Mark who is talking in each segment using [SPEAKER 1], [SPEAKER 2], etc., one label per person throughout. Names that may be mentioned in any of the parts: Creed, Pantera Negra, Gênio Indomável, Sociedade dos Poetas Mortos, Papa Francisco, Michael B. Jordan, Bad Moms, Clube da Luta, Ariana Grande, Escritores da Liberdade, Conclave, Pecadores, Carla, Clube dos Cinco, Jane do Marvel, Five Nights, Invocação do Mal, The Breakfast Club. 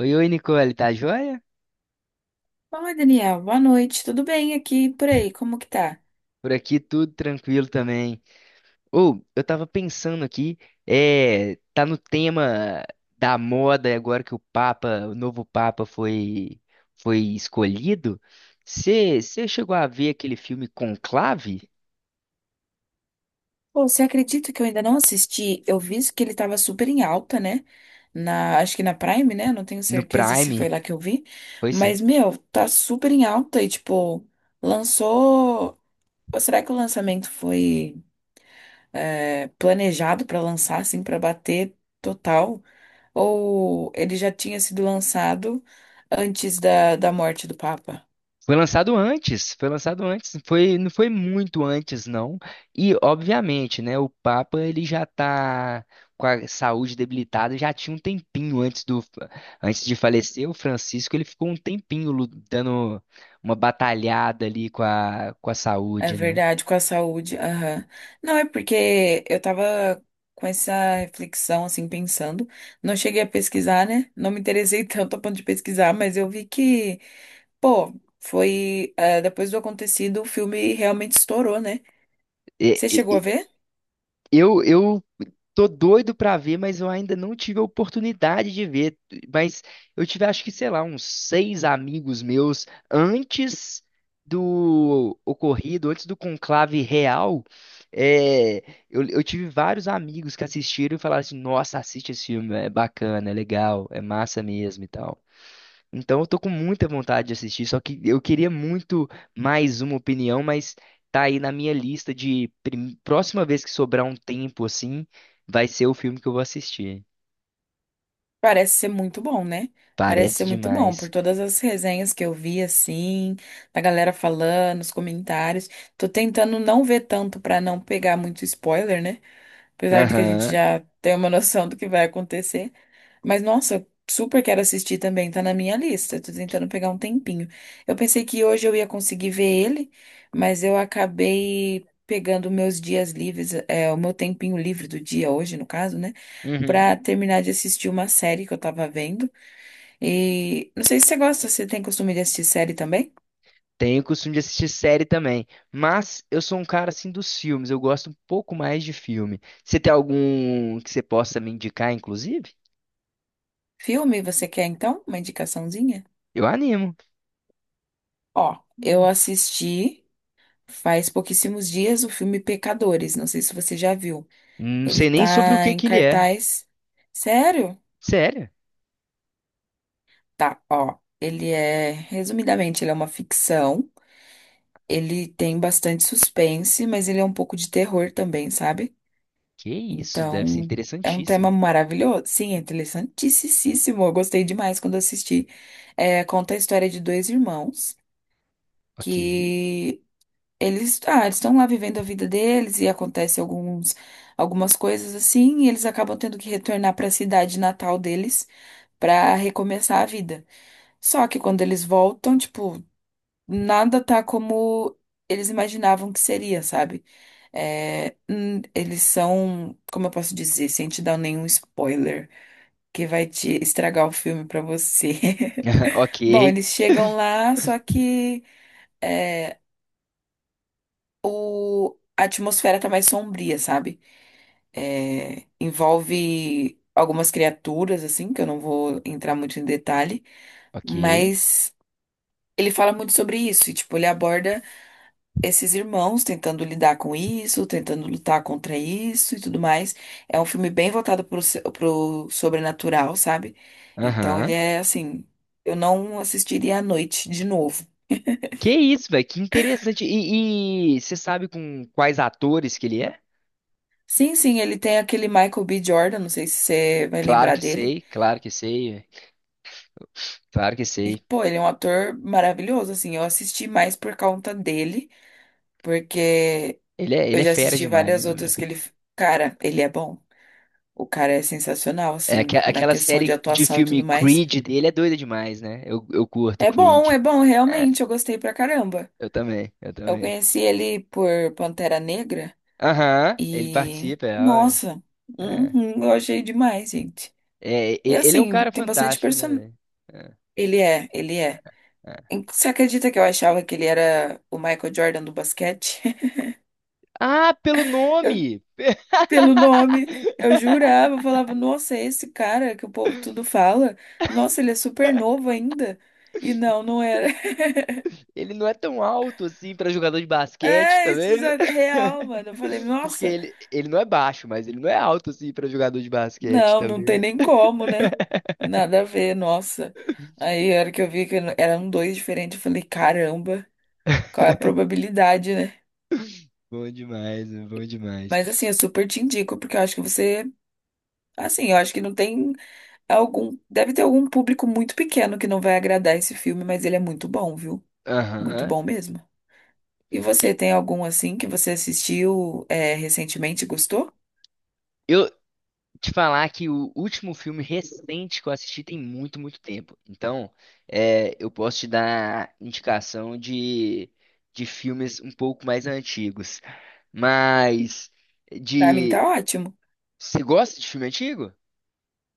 [SPEAKER 1] Oi, oi, Nicole, tá joia?
[SPEAKER 2] Fala, Daniel. Boa noite. Tudo bem aqui e por aí? Como que tá?
[SPEAKER 1] Por aqui tudo tranquilo também. Ou, eu tava pensando aqui, tá no tema da moda agora que o Papa, o novo Papa foi escolhido. Você chegou a ver aquele filme Conclave
[SPEAKER 2] Pô, você acredita que eu ainda não assisti? Eu vi que ele tava super em alta, né? Na, acho que na Prime, né? Não tenho
[SPEAKER 1] no
[SPEAKER 2] certeza se foi
[SPEAKER 1] Prime?
[SPEAKER 2] lá que eu vi.
[SPEAKER 1] Foi sim.
[SPEAKER 2] Mas, meu, tá super em alta e, tipo, lançou. Ou será que o lançamento foi planejado pra lançar, assim, pra bater total? Ou ele já tinha sido lançado antes da morte do Papa?
[SPEAKER 1] Foi lançado antes, foi lançado antes, foi, não foi muito antes, não. E, obviamente, né, o Papa, ele já tá com a saúde debilitada, já tinha um tempinho antes antes de falecer, o Francisco, ele ficou um tempinho dando uma batalhada ali com com a
[SPEAKER 2] É
[SPEAKER 1] saúde, né?
[SPEAKER 2] verdade, com a saúde. Aham. Não, é porque eu tava com essa reflexão, assim, pensando. Não cheguei a pesquisar, né? Não me interessei tanto a ponto de pesquisar, mas eu vi que, pô, foi. Depois do acontecido, o filme realmente estourou, né?
[SPEAKER 1] E-
[SPEAKER 2] Você chegou a
[SPEAKER 1] e-
[SPEAKER 2] ver?
[SPEAKER 1] eu tô doido pra ver, mas eu ainda não tive a oportunidade de ver. Mas eu tive, acho que, sei lá, uns seis amigos meus antes do ocorrido, antes do conclave real. é, eu tive vários amigos que assistiram e falaram assim: Nossa, assiste esse filme, é bacana, é legal, é massa mesmo e tal. Então eu tô com muita vontade de assistir, só que eu queria muito mais uma opinião, mas tá aí na minha lista de próxima vez que sobrar um tempo assim, vai ser o filme que eu vou assistir.
[SPEAKER 2] Parece ser muito bom, né? Parece
[SPEAKER 1] Parece
[SPEAKER 2] ser muito bom, por
[SPEAKER 1] demais.
[SPEAKER 2] todas as resenhas que eu vi, assim, da galera falando, os comentários. Tô tentando não ver tanto pra não pegar muito spoiler, né? Apesar de que a gente
[SPEAKER 1] Aham.
[SPEAKER 2] já tem uma noção do que vai acontecer. Mas, nossa, eu super quero assistir também, tá na minha lista. Tô tentando pegar um tempinho. Eu pensei que hoje eu ia conseguir ver ele, mas eu acabei pegando meus dias livres, o meu tempinho livre do dia hoje, no caso, né?
[SPEAKER 1] Uhum.
[SPEAKER 2] Pra terminar de assistir uma série que eu tava vendo. E não sei se você gosta, você tem costume de assistir série também?
[SPEAKER 1] Tenho o costume de assistir série também, mas eu sou um cara assim dos filmes, eu gosto um pouco mais de filme. Você tem algum que você possa me indicar, inclusive?
[SPEAKER 2] Filme, você quer então? Uma indicaçãozinha?
[SPEAKER 1] Eu animo.
[SPEAKER 2] Ó, eu assisti faz pouquíssimos dias o filme Pecadores, não sei se você já viu.
[SPEAKER 1] Não
[SPEAKER 2] Ele
[SPEAKER 1] sei nem sobre o
[SPEAKER 2] tá
[SPEAKER 1] que
[SPEAKER 2] em
[SPEAKER 1] que ele é.
[SPEAKER 2] cartaz. Sério?
[SPEAKER 1] Sério?
[SPEAKER 2] Tá, ó. Ele é, resumidamente, ele é uma ficção. Ele tem bastante suspense, mas ele é um pouco de terror também, sabe?
[SPEAKER 1] Que isso, deve ser
[SPEAKER 2] Então, é um tema
[SPEAKER 1] interessantíssimo.
[SPEAKER 2] maravilhoso. Sim, é interessantíssimo. Eu gostei demais quando assisti. É, conta a história de dois irmãos
[SPEAKER 1] Ok.
[SPEAKER 2] que eles, ah, eles estão lá vivendo a vida deles e acontece alguns, algumas coisas assim, e eles acabam tendo que retornar para a cidade natal deles para recomeçar a vida. Só que quando eles voltam, tipo, nada tá como eles imaginavam que seria, sabe? Eles são, como eu posso dizer, sem te dar nenhum spoiler, que vai te estragar o filme para você.
[SPEAKER 1] Ok,
[SPEAKER 2] Bom, eles chegam lá, só que é, a atmosfera tá mais sombria, sabe? É, envolve algumas criaturas, assim, que eu não vou entrar muito em detalhe,
[SPEAKER 1] ok.
[SPEAKER 2] mas ele fala muito sobre isso, e, tipo, ele aborda esses irmãos tentando lidar com isso, tentando lutar contra isso e tudo mais. É um filme bem voltado pro, pro sobrenatural, sabe? Então ele
[SPEAKER 1] Aham.
[SPEAKER 2] é assim, eu não assistiria à noite de novo.
[SPEAKER 1] Que isso, velho? Que interessante. E você sabe com quais atores que ele é?
[SPEAKER 2] Sim, sim, ele tem aquele Michael B. Jordan, não sei se você vai lembrar dele.
[SPEAKER 1] Claro que sei, véi, claro que
[SPEAKER 2] E,
[SPEAKER 1] sei.
[SPEAKER 2] pô, ele é um ator maravilhoso, assim. Eu assisti mais por conta dele, porque
[SPEAKER 1] Ele
[SPEAKER 2] eu
[SPEAKER 1] é
[SPEAKER 2] já
[SPEAKER 1] fera
[SPEAKER 2] assisti
[SPEAKER 1] demais,
[SPEAKER 2] várias
[SPEAKER 1] meu, véi.
[SPEAKER 2] outras Cara, ele é bom. O cara é sensacional,
[SPEAKER 1] É,
[SPEAKER 2] assim, na
[SPEAKER 1] aquela
[SPEAKER 2] questão de
[SPEAKER 1] série de
[SPEAKER 2] atuação e
[SPEAKER 1] filme
[SPEAKER 2] tudo mais.
[SPEAKER 1] Creed dele é doida demais, né? Eu curto Creed.
[SPEAKER 2] É bom,
[SPEAKER 1] É,
[SPEAKER 2] realmente. Eu gostei pra caramba.
[SPEAKER 1] eu também, eu
[SPEAKER 2] Eu
[SPEAKER 1] também.
[SPEAKER 2] conheci ele por Pantera Negra
[SPEAKER 1] Aham, ele
[SPEAKER 2] e.
[SPEAKER 1] participa, é, ó,
[SPEAKER 2] Nossa,
[SPEAKER 1] é.
[SPEAKER 2] uhum, eu achei demais, gente.
[SPEAKER 1] É,
[SPEAKER 2] E
[SPEAKER 1] ele é um
[SPEAKER 2] assim,
[SPEAKER 1] cara
[SPEAKER 2] tem bastante
[SPEAKER 1] fantástico, né,
[SPEAKER 2] person...
[SPEAKER 1] velho?
[SPEAKER 2] Ele é, ele é.
[SPEAKER 1] É, é.
[SPEAKER 2] Você acredita que eu achava que ele era o Michael Jordan do basquete?
[SPEAKER 1] Ah, pelo nome!
[SPEAKER 2] Pelo nome. Eu jurava, eu falava, nossa, é esse cara que o povo tudo fala. Nossa, ele é super novo ainda. E não, não era.
[SPEAKER 1] Ele não é tão alto assim pra jogador de basquete, tá
[SPEAKER 2] É, isso
[SPEAKER 1] vendo?
[SPEAKER 2] é real, mano. Eu falei,
[SPEAKER 1] Porque
[SPEAKER 2] nossa,
[SPEAKER 1] ele não é baixo, mas ele não é alto assim pra jogador de basquete,
[SPEAKER 2] não,
[SPEAKER 1] tá
[SPEAKER 2] não tem
[SPEAKER 1] vendo?
[SPEAKER 2] nem como, né? Nada a ver, nossa. Aí, a hora que eu vi que eram dois diferentes, eu falei, caramba, qual é a probabilidade, né?
[SPEAKER 1] Bom demais, meu, bom demais.
[SPEAKER 2] Mas assim, eu super te indico, porque eu acho que você. Assim, eu acho que não tem algum. Deve ter algum público muito pequeno que não vai agradar esse filme, mas ele é muito bom, viu? Muito
[SPEAKER 1] Aham.
[SPEAKER 2] bom mesmo. E
[SPEAKER 1] E
[SPEAKER 2] você, tem algum assim que você assistiu recentemente e gostou?
[SPEAKER 1] Eu te falar que o último filme recente que eu assisti tem muito, muito tempo. Então, eu posso te dar indicação de filmes um pouco mais antigos. Mas
[SPEAKER 2] Pra mim tá
[SPEAKER 1] de.
[SPEAKER 2] ótimo.
[SPEAKER 1] Você gosta de filme antigo?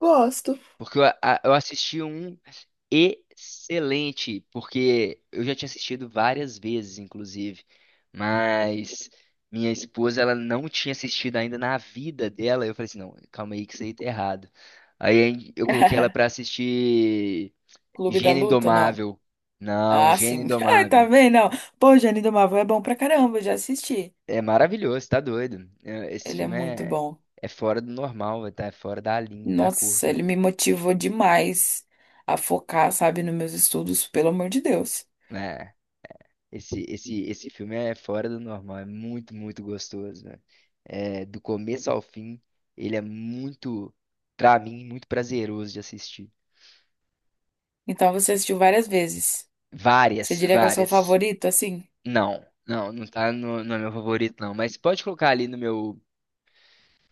[SPEAKER 2] Gosto.
[SPEAKER 1] Porque eu, eu assisti um excelente, porque eu já tinha assistido várias vezes, inclusive, mas minha esposa ela não tinha assistido ainda na vida dela. Eu falei assim, não, calma aí que isso aí tá errado. Eu coloquei ela pra assistir
[SPEAKER 2] Clube da
[SPEAKER 1] Gênio
[SPEAKER 2] Luta, não.
[SPEAKER 1] Indomável. Não,
[SPEAKER 2] Ah,
[SPEAKER 1] Gênio
[SPEAKER 2] sim. Ai, tá
[SPEAKER 1] Indomável.
[SPEAKER 2] vendo? Não. Pô, Jane do Marvel é bom pra caramba, eu já assisti.
[SPEAKER 1] É maravilhoso, tá doido. É, esse
[SPEAKER 2] Ele é
[SPEAKER 1] filme
[SPEAKER 2] muito
[SPEAKER 1] é,
[SPEAKER 2] bom.
[SPEAKER 1] é fora do normal, tá? É fora da linha, da
[SPEAKER 2] Nossa,
[SPEAKER 1] curva.
[SPEAKER 2] ele me motivou demais a focar, sabe, nos meus estudos, pelo amor de Deus.
[SPEAKER 1] Né? Esse filme é fora do normal, é muito, muito gostoso, velho. É, do começo ao fim, ele é muito, pra mim, muito prazeroso de assistir.
[SPEAKER 2] Então você assistiu várias vezes. Você
[SPEAKER 1] Várias,
[SPEAKER 2] diria que é o seu
[SPEAKER 1] várias.
[SPEAKER 2] favorito, assim?
[SPEAKER 1] Não, não, não tá no meu favorito, não. Mas pode colocar ali no meu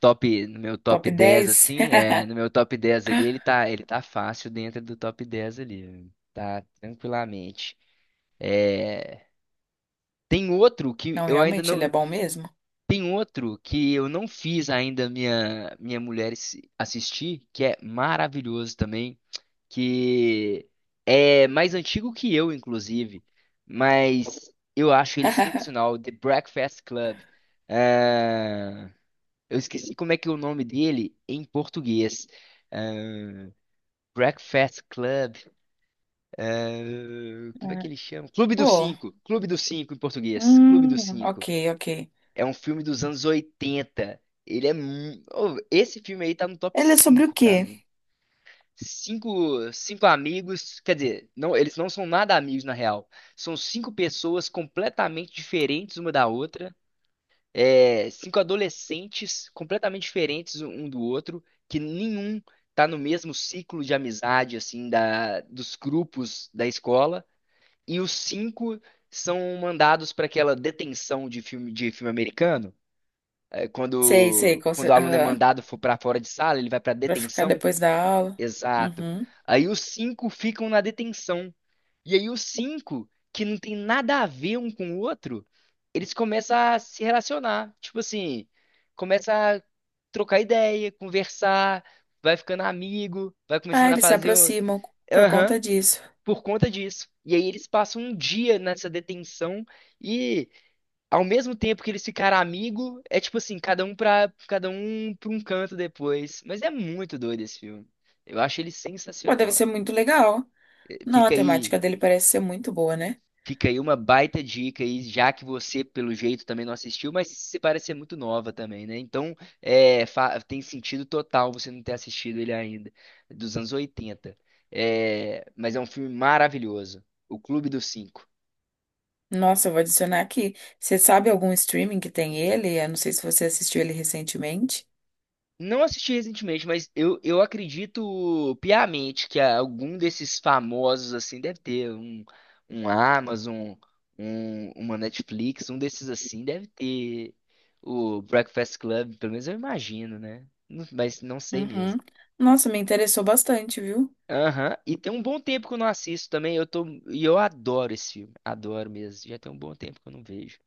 [SPEAKER 1] top, no meu
[SPEAKER 2] Top
[SPEAKER 1] top 10
[SPEAKER 2] 10?
[SPEAKER 1] assim. É, no meu top 10 ali, ele tá fácil dentro do top 10 ali. Tá tranquilamente. Tem outro que
[SPEAKER 2] Não,
[SPEAKER 1] eu ainda
[SPEAKER 2] realmente, ele é
[SPEAKER 1] não.
[SPEAKER 2] bom mesmo.
[SPEAKER 1] Tem outro que eu não fiz ainda minha mulher assistir, que é maravilhoso também, que é mais antigo que eu, inclusive, mas eu acho ele sensacional, The Breakfast Club. Ah, eu esqueci como é que é o nome dele em português. Ah, Breakfast Club. Ah, como é que
[SPEAKER 2] É.
[SPEAKER 1] ele chama? Clube dos
[SPEAKER 2] Pô,
[SPEAKER 1] Cinco. Clube dos Cinco em português. Clube dos
[SPEAKER 2] hum, ok,
[SPEAKER 1] Cinco.
[SPEAKER 2] ok.
[SPEAKER 1] É um filme dos anos 80. Ele é. Ô, esse filme aí tá no top
[SPEAKER 2] Ele é sobre o
[SPEAKER 1] 5 pra
[SPEAKER 2] quê?
[SPEAKER 1] mim. Cinco, cinco amigos, quer dizer, não, eles não são nada amigos na real. São cinco pessoas completamente diferentes uma da outra. É, cinco adolescentes completamente diferentes um do outro, que nenhum tá no mesmo ciclo de amizade, assim, dos grupos da escola. E os cinco são mandados para aquela detenção de filme americano.
[SPEAKER 2] Sei, sei, com
[SPEAKER 1] Quando o
[SPEAKER 2] cer-
[SPEAKER 1] aluno é
[SPEAKER 2] aham,
[SPEAKER 1] mandado for para fora de sala, ele vai para
[SPEAKER 2] pra ficar
[SPEAKER 1] detenção?
[SPEAKER 2] depois da aula.
[SPEAKER 1] Exato.
[SPEAKER 2] Uhum.
[SPEAKER 1] Aí os cinco ficam na detenção. E aí os cinco, que não tem nada a ver um com o outro, eles começam a se relacionar. Tipo assim, começa a trocar ideia, conversar, vai ficando amigo, vai começando
[SPEAKER 2] Ah,
[SPEAKER 1] a
[SPEAKER 2] eles se
[SPEAKER 1] fazer o...
[SPEAKER 2] aproximam por
[SPEAKER 1] Aham,
[SPEAKER 2] conta disso.
[SPEAKER 1] por conta disso. E aí eles passam um dia nessa detenção e ao mesmo tempo que eles ficaram amigos, é tipo assim, cada um pra um canto depois. Mas é muito doido esse filme. Eu acho ele
[SPEAKER 2] Pô, deve
[SPEAKER 1] sensacional.
[SPEAKER 2] ser muito legal.
[SPEAKER 1] Eh,
[SPEAKER 2] Não, a
[SPEAKER 1] Fica aí,
[SPEAKER 2] temática dele parece ser muito boa, né?
[SPEAKER 1] fica aí uma baita dica aí, já que você, pelo jeito, também não assistiu, mas você parece ser muito nova também, né? Então, tem sentido total você não ter assistido ele ainda, dos anos 80. É, mas é um filme maravilhoso. O Clube dos Cinco.
[SPEAKER 2] Nossa, eu vou adicionar aqui. Você sabe algum streaming que tem ele? Eu não sei se você assistiu ele recentemente.
[SPEAKER 1] Não assisti recentemente, mas eu acredito piamente que algum desses famosos, assim, deve ter um, um Amazon, um, uma Netflix, um desses assim, deve ter o Breakfast Club, pelo menos eu imagino, né? Mas não sei
[SPEAKER 2] Uhum.
[SPEAKER 1] mesmo.
[SPEAKER 2] Nossa, me interessou bastante, viu?
[SPEAKER 1] Aham. E tem um bom tempo que eu não assisto também, eu tô, e eu adoro esse filme, adoro mesmo, já tem um bom tempo que eu não vejo.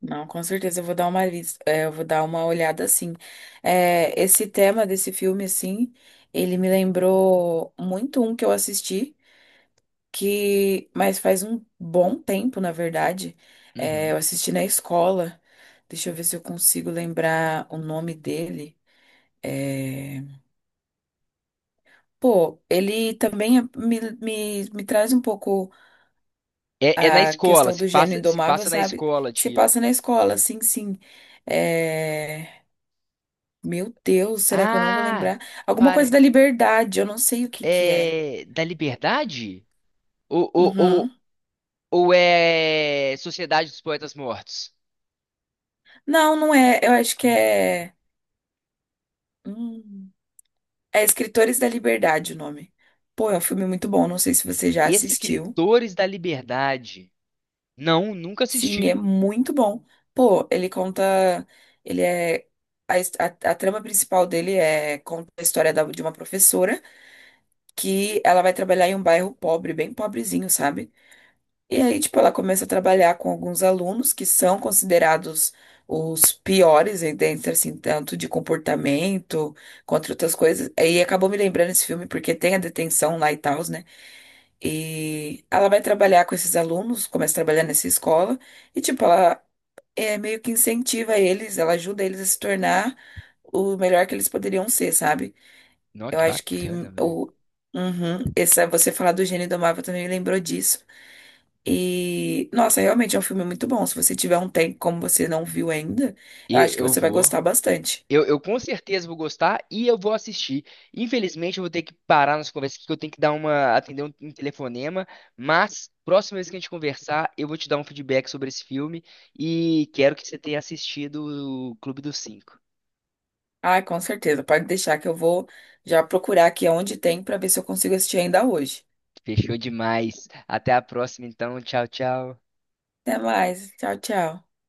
[SPEAKER 2] Não, com certeza eu vou dar uma lis- é, eu vou dar uma olhada assim. É, esse tema desse filme, assim, ele me lembrou muito um que eu assisti, que, mas faz um bom tempo, na verdade. É,
[SPEAKER 1] Uhum.
[SPEAKER 2] eu assisti na escola. Deixa eu ver se eu consigo lembrar o nome dele. É... Pô, ele também me traz um pouco
[SPEAKER 1] É, é na
[SPEAKER 2] a
[SPEAKER 1] escola,
[SPEAKER 2] questão
[SPEAKER 1] se
[SPEAKER 2] do gênio
[SPEAKER 1] passa, se
[SPEAKER 2] indomável,
[SPEAKER 1] passa na
[SPEAKER 2] sabe?
[SPEAKER 1] escola,
[SPEAKER 2] Se
[SPEAKER 1] tipo.
[SPEAKER 2] passa na escola, sim, sim. É... Meu Deus, será que eu não vou
[SPEAKER 1] Ah!
[SPEAKER 2] lembrar? Alguma coisa da liberdade, eu não sei o que que é.
[SPEAKER 1] É, da Liberdade? Ou, ou, ou,
[SPEAKER 2] Uhum.
[SPEAKER 1] ou é Sociedade dos Poetas Mortos?
[SPEAKER 2] Não, não é. Eu acho que é. hum, É Escritores da Liberdade o nome. Pô, é um filme muito bom, não sei se você já assistiu.
[SPEAKER 1] Escritores da Liberdade. Não, nunca
[SPEAKER 2] Sim, é
[SPEAKER 1] assisti.
[SPEAKER 2] muito bom. Pô, ele conta. Ele é. A, his- a, a trama principal dele é conta a história de uma professora que ela vai trabalhar em um bairro pobre, bem pobrezinho, sabe? E aí, tipo, ela começa a trabalhar com alguns alunos que são considerados os piores, e dentro, assim, tanto de comportamento quanto outras coisas. E acabou me lembrando esse filme porque tem a detenção lá e tal, né? E ela vai trabalhar com esses alunos, começa a trabalhar nessa escola. E, tipo, ela meio que incentiva eles, ela ajuda eles a se tornar o melhor que eles poderiam ser, sabe?
[SPEAKER 1] Não,
[SPEAKER 2] Eu
[SPEAKER 1] que
[SPEAKER 2] acho que
[SPEAKER 1] bacana, velho.
[SPEAKER 2] o uhum, Essa você falar do Gênio Indomável também me lembrou disso. E nossa, realmente é um filme muito bom. Se você tiver um tempo como você não viu ainda, eu
[SPEAKER 1] E
[SPEAKER 2] acho que
[SPEAKER 1] eu
[SPEAKER 2] você vai
[SPEAKER 1] vou.
[SPEAKER 2] gostar bastante.
[SPEAKER 1] Eu com certeza vou gostar e eu vou assistir. Infelizmente, eu vou ter que parar nossa conversa aqui, que eu tenho que dar uma, atender um telefonema. Mas, próxima vez que a gente conversar, eu vou te dar um feedback sobre esse filme e quero que você tenha assistido o Clube dos Cinco.
[SPEAKER 2] Ah, com certeza. Pode deixar que eu vou já procurar aqui onde tem pra ver se eu consigo assistir ainda hoje.
[SPEAKER 1] Fechou demais. Até a próxima, então. Tchau, tchau.
[SPEAKER 2] Até mais. Tchau, tchau.